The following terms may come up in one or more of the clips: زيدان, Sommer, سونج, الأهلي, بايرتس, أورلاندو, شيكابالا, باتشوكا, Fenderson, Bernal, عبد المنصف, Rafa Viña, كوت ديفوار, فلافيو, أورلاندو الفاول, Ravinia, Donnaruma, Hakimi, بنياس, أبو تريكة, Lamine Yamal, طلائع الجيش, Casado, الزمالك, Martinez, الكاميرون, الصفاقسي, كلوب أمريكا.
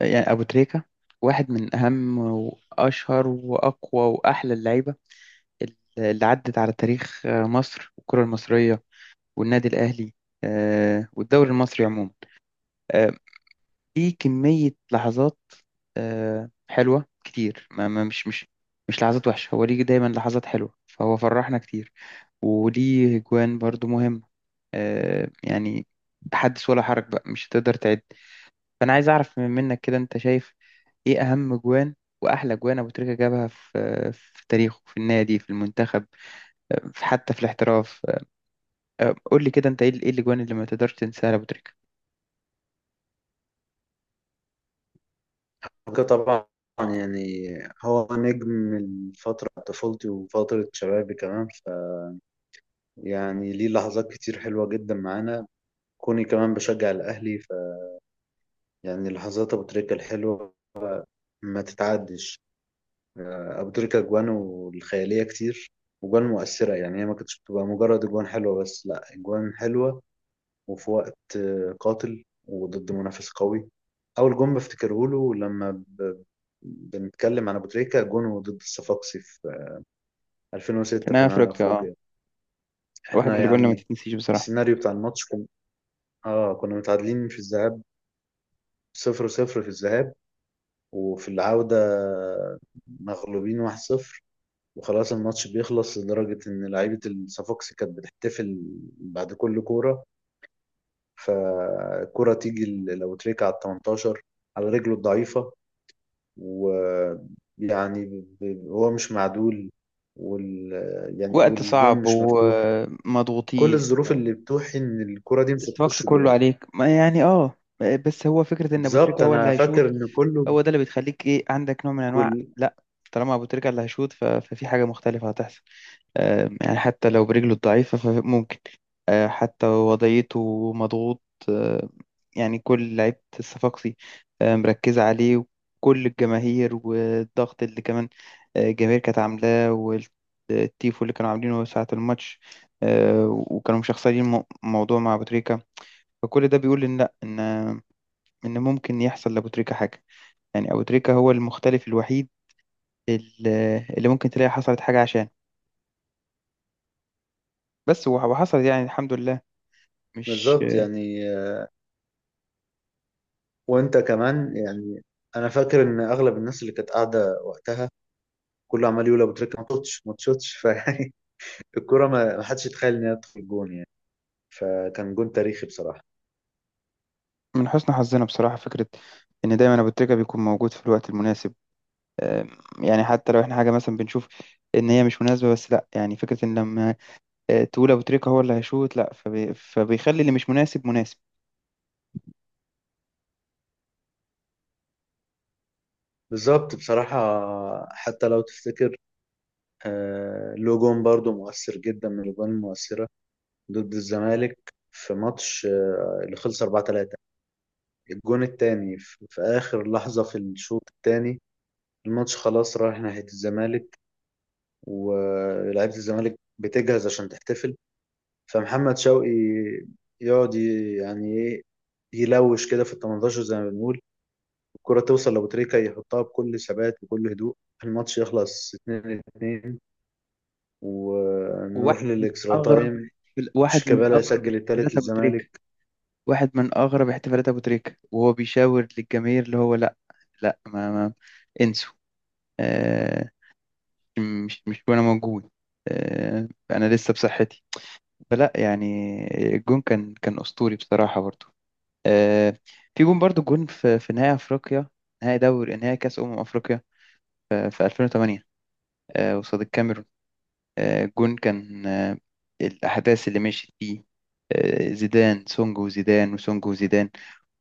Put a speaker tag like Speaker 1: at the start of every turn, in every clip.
Speaker 1: يعني أبو تريكة واحد من أهم وأشهر وأقوى وأحلى اللعيبة اللي عدت على تاريخ مصر والكرة المصرية والنادي الأهلي، آه، والدوري المصري عموما. آه، في كمية لحظات حلوة كتير، مش لحظات وحشة، هو ليه دايما لحظات حلوة، فهو فرحنا كتير. وليه جوان برضو مهم، يعني حدث ولا حرج بقى، مش هتقدر تعد. فأنا عايز أعرف منك كده، أنت شايف ايه اهم جوان واحلى جوان ابو تريكة جابها في تاريخه، في النادي، في المنتخب، حتى في الاحتراف. قول لي كده، انت ايه إيه الاجوان اللي ما تقدرش تنساها لابو تريكة؟
Speaker 2: طبعا، يعني هو نجم من فترة طفولتي وفترة شبابي كمان. فيعني ليه لحظات كتير حلوة جدا معانا، كوني كمان بشجع الأهلي. فيعني لحظات أبو تريكة الحلوة ما تتعدش. أبو تريكة أجوانه الخيالية كتير، وأجوان مؤثرة. يعني هي ما كانتش بتبقى مجرد أجوان حلوة بس، لأ، أجوان حلوة وفي وقت قاتل وضد منافس قوي. أول جون بفتكره له لما بنتكلم عن أبو تريكة جونه ضد الصفاقسي في
Speaker 1: في
Speaker 2: 2006 في
Speaker 1: نهاية
Speaker 2: نهائي
Speaker 1: افريقيا، اه،
Speaker 2: افريقيا.
Speaker 1: واحد من
Speaker 2: احنا
Speaker 1: الاجوان اللي ما
Speaker 2: يعني
Speaker 1: تتنسيش بصراحة.
Speaker 2: السيناريو بتاع الماتش كنا متعادلين في الذهاب، 0-0 في الذهاب، وفي العودة مغلوبين 1-0. وخلاص الماتش بيخلص لدرجة إن لعيبة الصفاقسي كانت بتحتفل بعد كل كورة. فالكرة تيجي لو تريكة على التمنتاشر، على رجله الضعيفة. ويعني هو مش معدول، وال يعني
Speaker 1: وقت
Speaker 2: والجون
Speaker 1: صعب
Speaker 2: مش مفتوح، كل
Speaker 1: ومضغوطين،
Speaker 2: الظروف اللي بتوحي ان الكرة دي مش
Speaker 1: الستوكس
Speaker 2: هتخش
Speaker 1: كله
Speaker 2: جوه.
Speaker 1: عليك، ما يعني اه، بس هو فكرة ان ابو
Speaker 2: بالظبط،
Speaker 1: تريكة هو اللي
Speaker 2: انا فاكر
Speaker 1: هيشوط،
Speaker 2: ان كله
Speaker 1: هو ده اللي بيخليك ايه، عندك نوع من انواع
Speaker 2: كل
Speaker 1: لا، طالما ابو تريكة اللي هيشوط ففي حاجة مختلفة هتحصل. يعني حتى لو برجله الضعيفة فممكن، حتى وضعيته مضغوط، آه، يعني كل لعيبة الصفاقسي مركزة عليه، وكل الجماهير والضغط اللي كمان، الجماهير كانت عاملاه، والتيفو اللي كانوا عاملينه ساعة الماتش، وكانوا مشخصنين الموضوع مع أبو تريكة. فكل ده بيقول إن لأ، إن ممكن يحصل لأبو تريكة حاجة، يعني أبو تريكة هو المختلف الوحيد اللي ممكن تلاقي حصلت حاجة عشان، بس وحصلت يعني الحمد لله، مش
Speaker 2: بالظبط. يعني وانت كمان يعني انا فاكر ان اغلب الناس اللي كانت قاعده وقتها كله عمال يقول ابو تريكه ما تشوتش ما تشوتش فيعني الكرة ما حدش يتخيل انها تدخل جون يعني. فكان جون تاريخي بصراحه.
Speaker 1: من حسن حظنا بصراحة. فكرة إن دايما أبو تريكة بيكون موجود في الوقت المناسب، أم، يعني حتى لو إحنا حاجة مثلا بنشوف إن هي مش مناسبة، بس لأ، يعني فكرة إن لما تقول أبو تريكة هو اللي هيشوط، لأ فبيخلي اللي مش مناسب مناسب.
Speaker 2: بالظبط بصراحه، حتى لو تفتكر له جون برضه مؤثر جدا من الجوان المؤثره، ضد الزمالك في ماتش اللي خلص 4-3، الجون التاني في آخر لحظة في الشوط التاني. الماتش خلاص رايح ناحية الزمالك، ولاعيبة الزمالك بتجهز عشان تحتفل، فمحمد شوقي يقعد يعني ايه، يلوش كده في ال 18 زي ما بنقول. الكرة توصل لأبو تريكة، يحطها بكل ثبات وكل هدوء، الماتش يخلص 2-2، ونروح
Speaker 1: وواحد من
Speaker 2: للإكسترا تايم.
Speaker 1: واحد من
Speaker 2: شيكابالا
Speaker 1: أغرب
Speaker 2: يسجل التالت
Speaker 1: احتفالات أبو تريكة،
Speaker 2: للزمالك.
Speaker 1: واحد من أغرب احتفالات أبو تريكة، وهو بيشاور للجماهير اللي هو لأ، لأ، ما انسوا، أه، مش مش وأنا موجود، أنا لسه بصحتي. فلا يعني، الجون كان اسطوري بصراحه برضو. آه، في جون برضو، جون في نهائي افريقيا، نهائي كاس افريقيا في 2008، قصاد الكاميرون. جون كان، الاحداث اللي مشيت فيه، زيدان سونج وزيدان، وسونج وزيدان،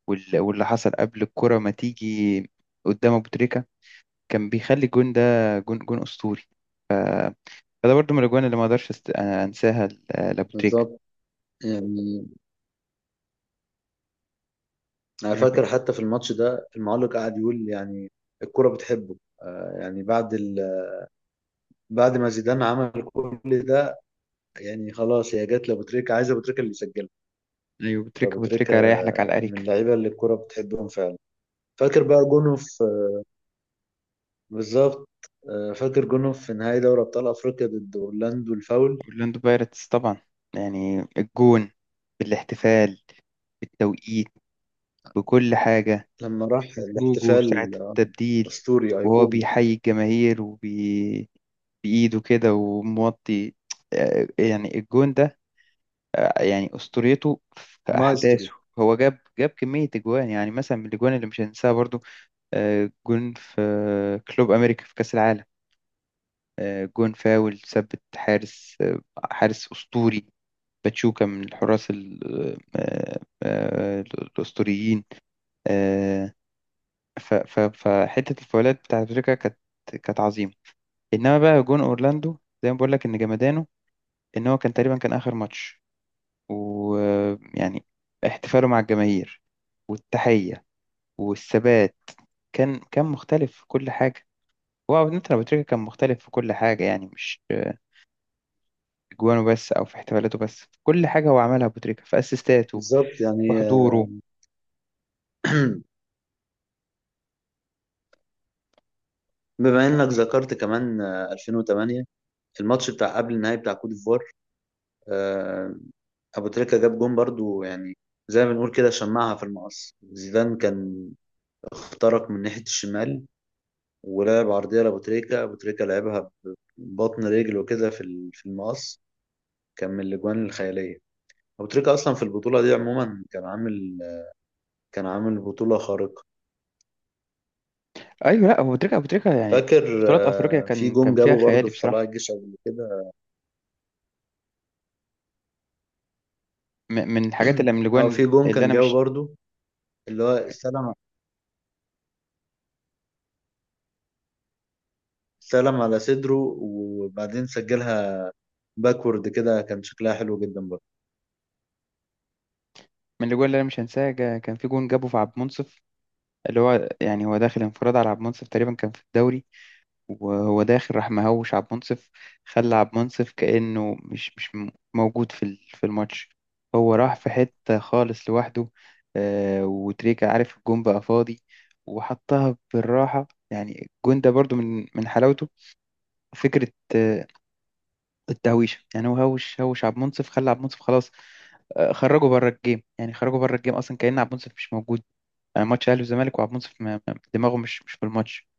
Speaker 1: واللي حصل قبل الكره ما تيجي قدام ابو تريكه كان بيخلي الجون ده جون اسطوري. ف- فده برضو من الاجوان اللي ما اقدرش انساها لابو تريكه.
Speaker 2: بالظبط يعني، انا فاكر حتى في الماتش ده المعلق قعد يقول يعني الكرة بتحبه. يعني بعد ما زيدان عمل كل ده، يعني خلاص هي جت لابو تريكة، عايز ابو تريكة اللي يسجلها.
Speaker 1: ايوه،
Speaker 2: فابو
Speaker 1: بتريكا
Speaker 2: تريكة
Speaker 1: بتريكا رايح لك على
Speaker 2: من
Speaker 1: الاريكه.
Speaker 2: اللعيبة اللي الكرة بتحبهم فعلا. فاكر بقى جونه في بالظبط، فاكر جونه في نهائي دوري ابطال افريقيا ضد اورلاندو الفاول
Speaker 1: اورلاندو بايرتس طبعا، يعني الجون، بالاحتفال، بالتوقيت، بكل حاجه،
Speaker 2: لما راح
Speaker 1: بخروجه ساعه
Speaker 2: الاحتفال.
Speaker 1: التبديل،
Speaker 2: اسطوري
Speaker 1: وهو
Speaker 2: ايقوني،
Speaker 1: بيحيي الجماهير بايده كده وموطي. يعني الجون ده، يعني اسطوريته في
Speaker 2: مايسترو.
Speaker 1: احداثه. هو جاب كميه اجوان، يعني مثلا من الاجوان اللي مش هننساها برضو، جون في كلوب امريكا في كاس العالم، جون فاول ثبت حارس، حارس اسطوري، باتشوكا من الحراس الأسطوريين. آه، فحتة الفاولات بتاعت باتشوكا كانت عظيمة. إنما بقى جون أورلاندو، زي ما بقول لك إن جمدانه، إن هو كان تقريبا كان آخر ماتش، ويعني احتفاله مع الجماهير والتحية والثبات كان مختلف في كل حاجة. هو عودة أبو تريكة كان مختلف في كل حاجة، يعني مش في جوانه بس أو في احتفالاته بس، في كل حاجة هو عملها أبو تريكة، في أسيستاته،
Speaker 2: بالظبط
Speaker 1: في
Speaker 2: يعني.
Speaker 1: حضوره.
Speaker 2: بما انك ذكرت كمان 2008، في الماتش بتاع قبل النهائي بتاع كوت ديفوار، آه، ابو تريكة جاب جون برضو. يعني زي ما بنقول كده، شمعها في المقص. زيدان كان اخترق من ناحية الشمال ولعب عرضية لابو تريكة، ابو تريكة لعبها ببطن رجله كده في في المقص. كان من الاجوان الخيالية. ابو تريكة اصلا في البطولة دي عموما كان عامل بطولة خارقة.
Speaker 1: ايوه، لا، ابو تريكه يعني
Speaker 2: فاكر
Speaker 1: بطولات افريقيا
Speaker 2: في
Speaker 1: كان
Speaker 2: جون
Speaker 1: كان فيها
Speaker 2: جابه برضو
Speaker 1: خيالي
Speaker 2: في
Speaker 1: بصراحه.
Speaker 2: طلائع الجيش قبل كده.
Speaker 1: من
Speaker 2: اه،
Speaker 1: الاجوان
Speaker 2: في جون
Speaker 1: اللي
Speaker 2: كان
Speaker 1: انا
Speaker 2: جابه
Speaker 1: مش،
Speaker 2: برضو، اللي هو استلم، سلم على صدره وبعدين سجلها باكورد كده، كان شكلها حلو جدا برضه.
Speaker 1: من الاجوان اللي انا مش هنساها، كان في جون جابه في عبد المنصف، اللي هو يعني هو داخل انفراد على عبد المنصف تقريبا، كان في الدوري، وهو داخل راح مهوش عبد المنصف، خلى عبد المنصف كانه مش مش م- موجود في في الماتش. هو راح في حته خالص لوحده، وتريكه عارف الجون بقى فاضي، وحطها بالراحه. يعني الجون ده برضو من حلاوته فكرة التهويشه، يعني هو هوش عبد المنصف، خلى عبد المنصف خلاص، خرجه بره الجيم، يعني خرجه بره الجيم اصلا، كأن عبد المنصف مش موجود. ماتش اهلي وزمالك وعبد المنصف دماغه مش في الماتش،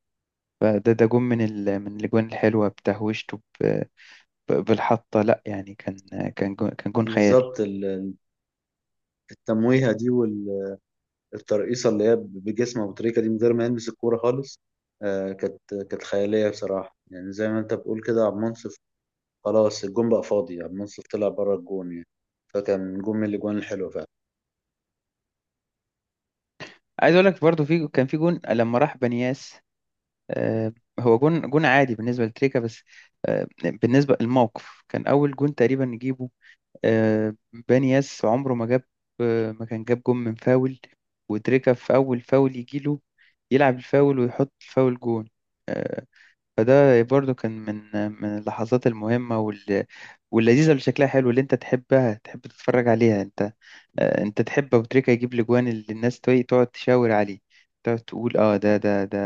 Speaker 1: فده ده جون من ال، من الاجوان الحلوه بتهويشته، ب، ب، بالحطه. لا يعني كان جون، كان جون خيالي.
Speaker 2: بالظبط، التمويهة دي والترقيصة اللي هي بجسمه بالطريقة دي من غير ما يلمس الكورة خالص، آه، كانت كانت خيالية بصراحة. يعني زي ما انت بتقول كده، عبد المنصف خلاص الجون بقى فاضي، عبد المنصف طلع بره الجون يعني. فكان جون من الاجوان الحلوة فعلا.
Speaker 1: عايز اقول لك برضو، في كان في جون لما راح بنياس، آه، هو جون عادي بالنسبه لتريكا، بس بالنسبه للموقف كان اول جون تقريبا نجيبه آه، بانياس عمره ما جاب، آه، ما كان جاب جون من فاول، ودريكا في أول فاول يجيله، يلعب الفاول ويحط الفاول جون. آه، فده برضو كان من من اللحظات المهمة واللذيذة، اللي شكلها حلو، اللي انت تحبها تحب تتفرج عليها. انت انت تحب أبو تريكة يجيب الاجوان اللي الناس تقعد تشاور عليه، تقعد تقول اه، ده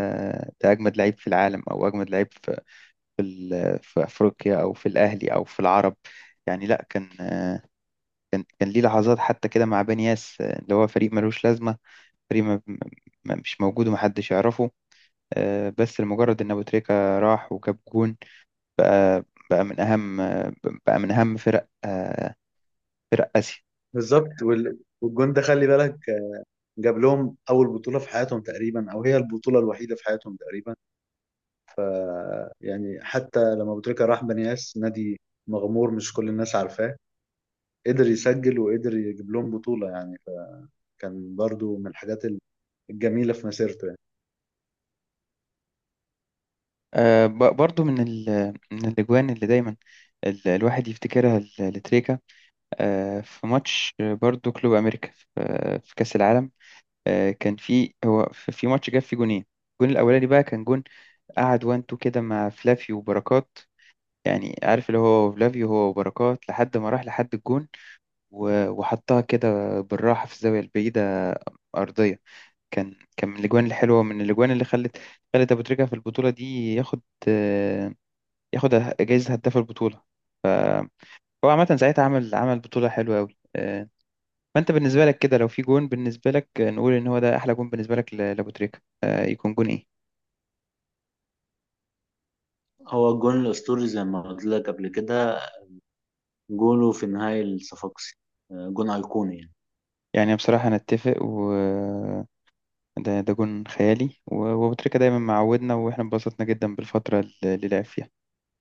Speaker 1: ده اجمد لعيب في العالم، او اجمد لعيب في، في افريقيا، او في الاهلي، او في العرب. يعني لا، كان كان ليه لحظات حتى كده مع بني ياس، اللي هو فريق ملوش لازمة، فريق مش موجود ومحدش يعرفه، بس لمجرد إن أبو تريكة راح وجاب جون، بقى، بقى من أهم بقى من أهم فرق فرق آسيا.
Speaker 2: بالظبط، والجون ده خلي بالك جاب لهم اول بطولة في حياتهم تقريبا، او هي البطولة الوحيدة في حياتهم تقريبا. يعني حتى لما أبو تريكة راح بنياس، نادي مغمور مش كل الناس عارفاه، قدر يسجل وقدر يجيب لهم بطولة يعني. فكان برضو من الحاجات الجميلة في مسيرته يعني.
Speaker 1: برضو من ال، من الأجوان اللي دايما الواحد يفتكرها لتريكا، في ماتش برضو كلوب أمريكا في في كأس العالم، كان في هو في ماتش جاب فيه جونين. الجون الأولاني بقى كان جون، قعد وانتو كده مع فلافي وبركات، يعني عارف، اللي هو فلافيو هو وبركات لحد ما راح لحد الجون، وحطها كده بالراحة في الزاوية البعيدة أرضية. كان من الأجوان الحلوة، من الأجوان اللي خلت أبو تريكة في البطولة دي ياخد، آه، ياخد جايزة هداف البطولة. هو عامة ساعتها عمل بطولة حلوة أوي. فأنت بالنسبة لك كده، لو في جون بالنسبة لك، نقول إن هو ده أحلى جون بالنسبة لك لأبو تريكة، يكون جون إيه؟
Speaker 2: هو الجون الأسطوري زي ما قلت لك قبل كده، جوله في نهاية الصفاقسي، جون أيقوني يعني.
Speaker 1: يعني بصراحة أنا أتفق، ده ده جون خيالي، وأبو تريكة دايما معودنا، واحنا انبسطنا جدا بالفترة اللي لعب فيها